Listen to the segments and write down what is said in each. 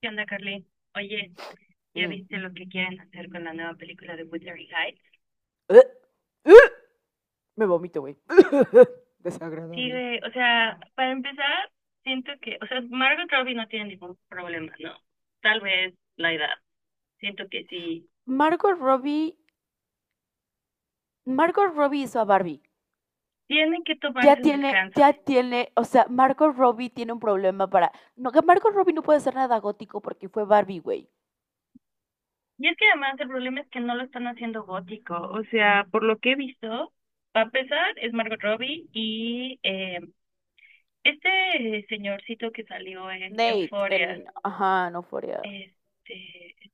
¿Qué onda, Carly? Oye, ¿ya Mm. viste lo que quieren hacer con la nueva película de Wuthering Heights? ¡Ugh! ¡Ugh! Me vomito, güey. Sí, Desagradable. güey, o sea, para empezar, siento que, o sea, Margot Robbie no tiene ningún problema, ¿no? Tal vez la edad. Siento que sí. Margot Robbie, Margot Robbie hizo a Barbie. Tienen que Ya tomarse un tiene, descanso. ya tiene, o sea, Margot Robbie tiene un problema para. No, que Margot Robbie no puede ser nada gótico porque fue Barbie, güey. Y es que además el problema es que no lo están haciendo gótico. O sea, por lo que he visto, para empezar, es Margot Robbie y este señorcito que salió en Nate, Euphoria, en, ajá, no fuera. este,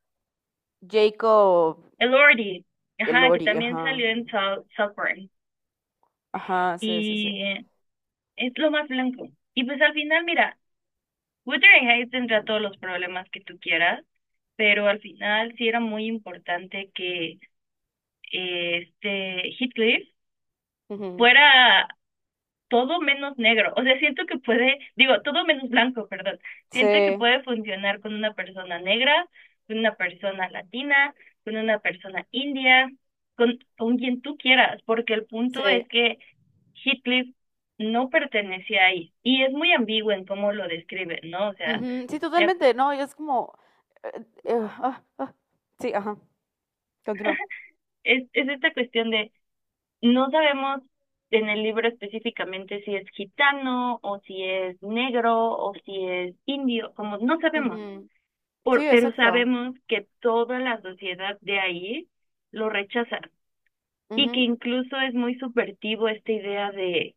Jacob, Elordi, el ajá, que Lori, también ajá. salió en Southburn. Ajá, sí, sí, sí. Y es lo más blanco. Y pues al final, mira, Wuthering Heights tendrá todos los problemas que tú quieras, pero al final sí era muy importante que eh, este Heathcliff Ujú. fuera todo menos negro. O sea, siento que puede, digo, todo menos blanco, perdón. Siento que Sí, puede funcionar con una persona negra, con una persona latina, con una persona india, con quien tú quieras, porque el punto sí. es que Heathcliff no pertenecía ahí. Y es muy ambiguo en cómo lo describe, ¿no? O sea, Ujú, sí, eh, totalmente, no, es como eh, eh, ah, ah, sí, ajá, continúa. es esta cuestión de no sabemos en el libro específicamente si es gitano o si es negro o si es indio, como no sabemos. Ujú. Sí, Pero exacto. sabemos que toda la sociedad de ahí lo rechaza y que Ujú, incluso es muy subvertivo esta idea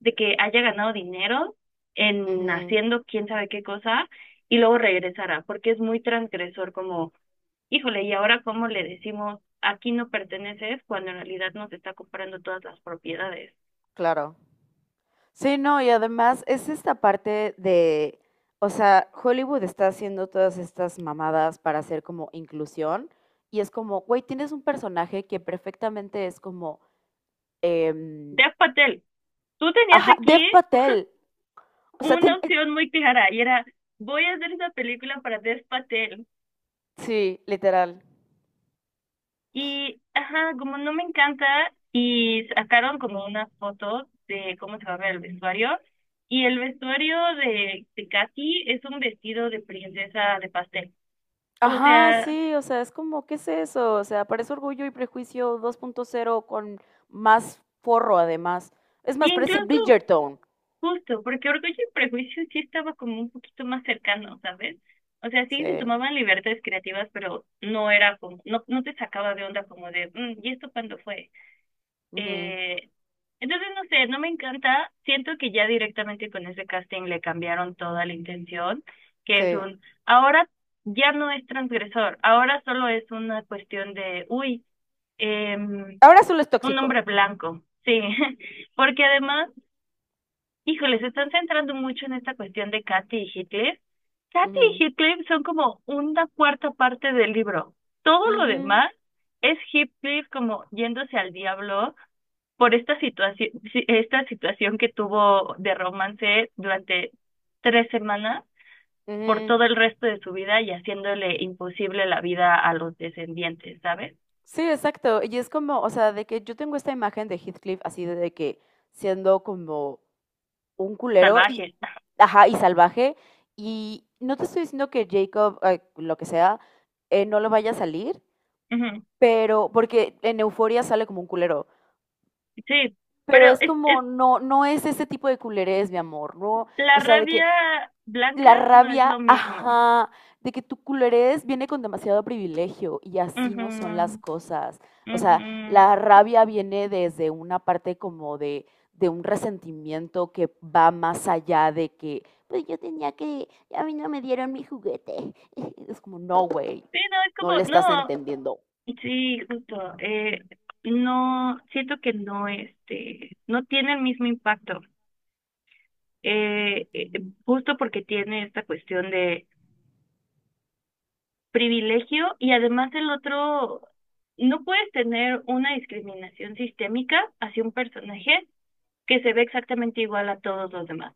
de que haya ganado dinero en ujú, haciendo quién sabe qué cosa y luego regresará, porque es muy transgresor como, híjole, ¿y ahora cómo le decimos aquí no perteneces cuando en realidad nos está comprando todas las propiedades? claro. Sí, no, y además es esta parte o sea, Hollywood está haciendo todas estas mamadas para hacer como inclusión y es como, güey, tienes un personaje que perfectamente es como, em, Dev Patel, tú tenías ajá, Dev aquí Patel. O sea, una opción muy clara y era, voy a hacer esa película para Dev Patel. sí, literal. Y, ajá, como no me encanta, y sacaron como unas fotos de cómo se va a ver el vestuario. Y el vestuario de Katy es un vestido de princesa de pastel. O Ajá, sea, sí, o sea, es como, ¿qué es eso? O sea, parece Orgullo y Prejuicio dos punto cero con más forro además. Es y más, parece incluso Bridgerton. justo, porque Orgullo y Prejuicio sí estaba como un poquito más cercano, ¿sabes? O sea, Sí. sí se tomaban libertades creativas, pero no era como, no, no te sacaba de onda como de, "Mm, ¿y esto cuándo fue?" Ujú, Eh, entonces, no sé, no me encanta. Siento que ya directamente con ese casting le cambiaron toda la intención, que es sí. un, ahora ya no es transgresor, ahora solo es una cuestión de, uy, em, Ahora solo es un tóxico. hombre blanco, sí, porque además, híjole, se están centrando mucho en esta cuestión de Kathy y Heathcliff. Kathy Ujú, y Heathcliff son como una cuarta parte del libro. Todo lo ujú, demás es Heathcliff como yéndose al diablo por esta situación que tuvo de romance durante 3 semanas por ujú. todo el resto de su vida y haciéndole imposible la vida a los descendientes, ¿sabes? Sí, exacto. Y es como, o sea, de que yo tengo esta imagen de Heathcliff así de que siendo como un culero y, Salvajes. ajá, y salvaje. Y no te estoy diciendo que Jacob, lo que sea, no lo vaya a salir, Ujú. pero porque en Euforia sale como un culero. Sí, Pero pero es es, es, como, no, no es ese tipo de culerés, mi amor, ¿no? la O sea, de que rabia blanca la no es rabia, lo mismo. ajá, de que tu culerés viene con demasiado privilegio y así Ujú, no son las cosas. O sea, ujú. la rabia viene desde una parte como de un resentimiento que va más allá de que, pues yo tenía que, a mí no me dieron mi juguete. Es como, no, güey, Sí, no, es no como, le estás no, entendiendo. sí, justo, no, siento que no, este, no tiene el mismo impacto. eh, eh, Justo porque tiene esta cuestión de privilegio y además el otro, no puedes tener una discriminación sistémica hacia un personaje que se ve exactamente igual a todos los demás.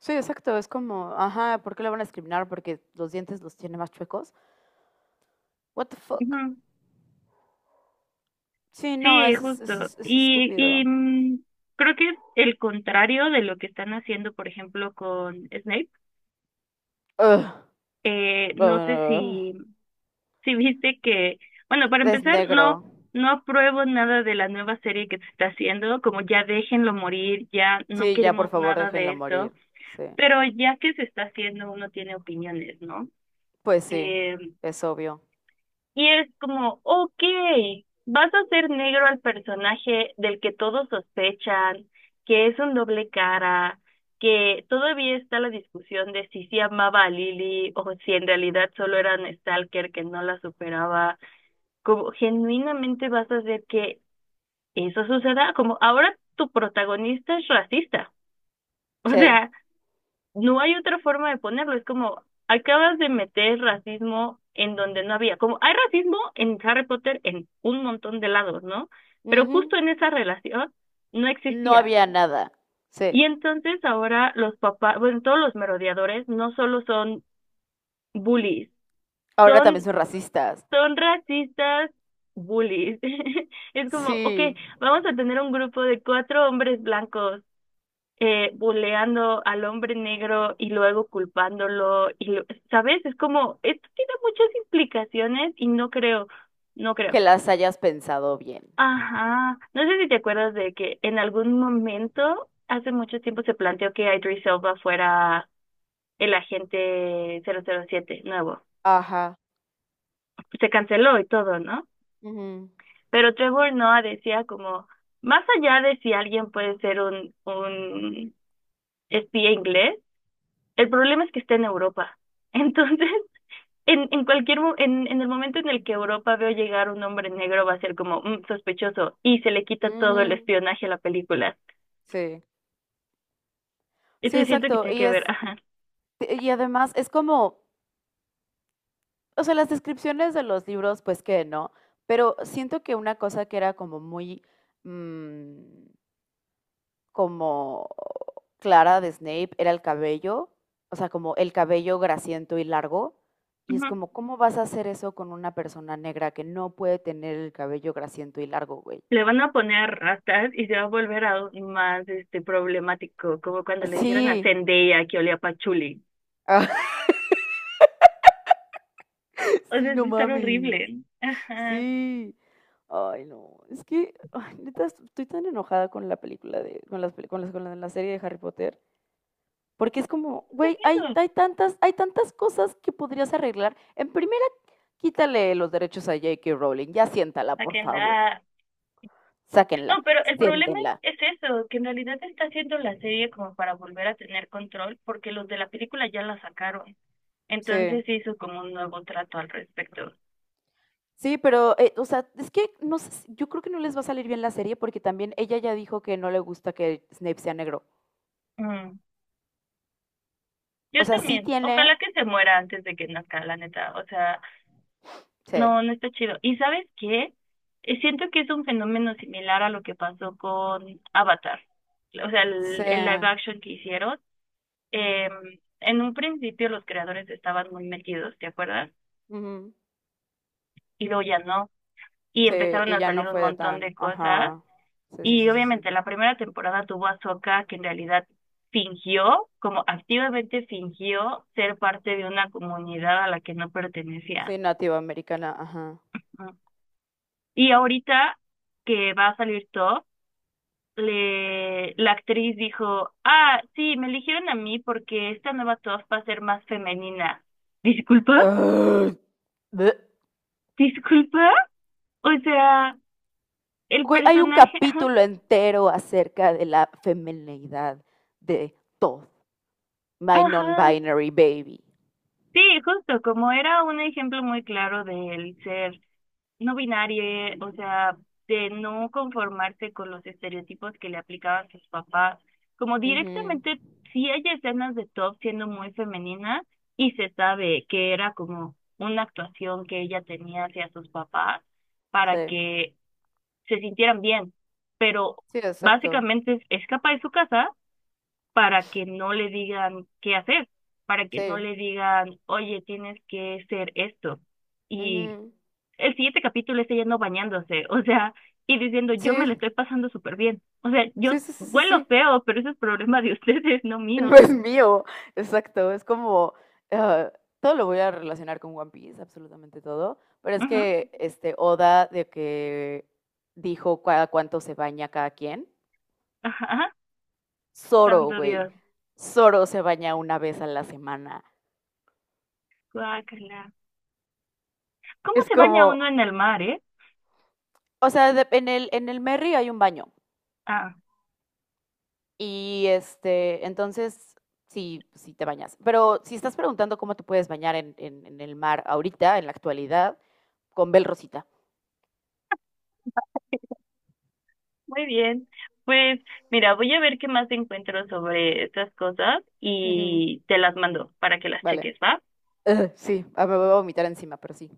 Sí, exacto. Es como, ajá, ¿por qué lo van a discriminar? Porque los dientes los tiene más chuecos. What the fuck? Ujú. Sí, no, Sí, eso es, justo. eso es, eso es Y estúpido. Creo que es el contrario de lo que están haciendo, por ejemplo, con Snape. Ugh. No sé Ah, si si viste que, bueno, para es empezar, no, negro. no apruebo nada de la nueva serie que se está haciendo, como ya déjenlo morir, ya no Sí, ya por queremos favor nada de déjenlo esto, morir. Sí. pero ya que se está haciendo, uno tiene opiniones, ¿no? Pues sí, Eh, es obvio. y es como, ok, vas a hacer negro al personaje del que todos sospechan, que es un doble cara, que todavía está la discusión de si sí amaba a Lily o si en realidad solo era un stalker que no la superaba como genuinamente vas a hacer que eso suceda, como ahora tu protagonista es racista. O Sí. sea, no hay otra forma de ponerlo, es como acabas de meter racismo en donde no había, como hay racismo en Harry Potter en un montón de lados, ¿no? Pero justo Ujú. en esa relación no No existía. había nada. Sí. Y entonces ahora los papás, bueno, todos los merodeadores no solo son bullies, Ahora también son son racistas. son racistas bullies. Es como, ok, Sí. vamos a tener un grupo de 4 hombres blancos buleando al hombre negro y luego culpándolo. ¿Sabes? Es como, esto tiene muchas implicaciones y no creo, no creo. Que las hayas pensado bien. Ajá, no sé si te acuerdas de que en algún momento, hace mucho tiempo, se planteó que Idris Elba fuera el agente 007 nuevo. Ajá. Se canceló y todo, ¿no? Ujú. Pero Trevor Noah decía como, más allá de si alguien puede ser un espía inglés, el problema es que está en Europa. Entonces, en el momento en el que Europa veo llegar un hombre negro va a ser como "Mm, sospechoso" y se le quita todo el Ujú. espionaje a la película. Sí. Sí, Entonces siento que exacto. tiene Y que ver, es, ajá. y además es como, o sea, las descripciones de los libros, pues que no. Pero siento que una cosa que era como muy mm, como Clara de Snape era el cabello, o sea, como el cabello grasiento y largo. Y es Ujú. como, ¿cómo vas a hacer eso con una persona negra que no puede tener el cabello grasiento y largo, güey? Le van a poner rastas y se va a volver aún más este problemático, como cuando le dijeron a Sí, Zendaya que olía a pachuli. ah, O sí, sea, es no estar mames, horrible. Ajá. sí. Ay, no, es que, ay, neta, estoy tan enojada con la película de, con las, peli- con las- con la, la serie de Harry Potter, porque es como, güey, hay tantas cosas que podrías arreglar. En primer. Quítale los derechos a J.K. Rowling, ya siéntala, por favor. Sáquenla. Sáquenla, No, pero el problema siéntenla. Es eso, que en realidad está haciendo la serie como para volver a tener control, porque los de la película ya la sacaron. Sí. Entonces hizo como un nuevo trato al respecto. Sí, pero, o sea, es que no sé, yo creo que no les va a salir bien la serie porque también ella ya dijo que no le gusta que Snape sea negro. Mm. O Yo sea, sí también. tiene, Ojalá que se muera antes de que nazca, la neta. O sea, sí. no, no está chido. ¿Y sabes qué? Siento que es un fenómeno similar a lo que pasó con Avatar. O sea, Sí. El live action que hicieron. En un principio los creadores estaban muy metidos, ¿te acuerdas? Ujú, Y luego ya no. Y sí, empezaron y a ya salir no un fue de montón tan. de cosas. Ajá. Sí, sí, Y sí, sí, sí. obviamente la primera temporada tuvo a Sokka, que en realidad fingió, como activamente fingió ser parte de una comunidad a la que no pertenecía. Sí, nativa americana, ajá. ¿No? Y ahorita que va a salir Top, le, la actriz dijo, ah, sí, me eligieron a mí porque esta nueva Top va a ser más femenina. ¿Disculpa? Ugh, bleh. ¿Disculpa? O sea, el Güey, hay un personaje... Ajá. capítulo entero acerca de la femineidad de Todd. My Ajá. Non-Binary Baby. Sí, justo, como era un ejemplo muy claro del ser no binario, o sea, de no conformarse con los estereotipos que le aplicaban sus papás, como Ujú, directamente sí hay escenas de Top siendo muy femenina y se sabe que era como una actuación que ella tenía hacia sus papás para sí, que se sintieran bien, pero sí, exacto. básicamente es escapa de su casa para que no le digan qué hacer, para que no Sí. le digan, oye, tienes que ser esto. Y Ujú, el siguiente capítulo es ella no bañándose, o sea, y diciendo, sí, yo me la estoy pasando súper bien. O sea, sí, yo sí, sí, sí, huelo sí. feo, pero ese es problema de ustedes, no No mío. es mío. Exacto. Es como. Ah, todo lo voy a relacionar con One Piece, absolutamente todo. Pero es Ujú. que este Oda de que dijo cada cuánto se baña cada quien. Ajá, Zoro, santo güey. Dios. Zoro se baña una vez a la semana. Guácala. ¿Cómo Es se baña como. uno en el mar, eh? O sea, en el Merry hay un baño. Ah, Y este, entonces, sí, sí te bañas. Pero si estás preguntando cómo te puedes bañar en, en el mar ahorita, en la actualidad, con Bel Rosita. muy bien. Pues mira, voy a ver qué más encuentro sobre estas cosas Ujú, y te las mando para que las vale. cheques, ¿va? Ugh, sí, ah, me voy a vomitar encima, pero sí.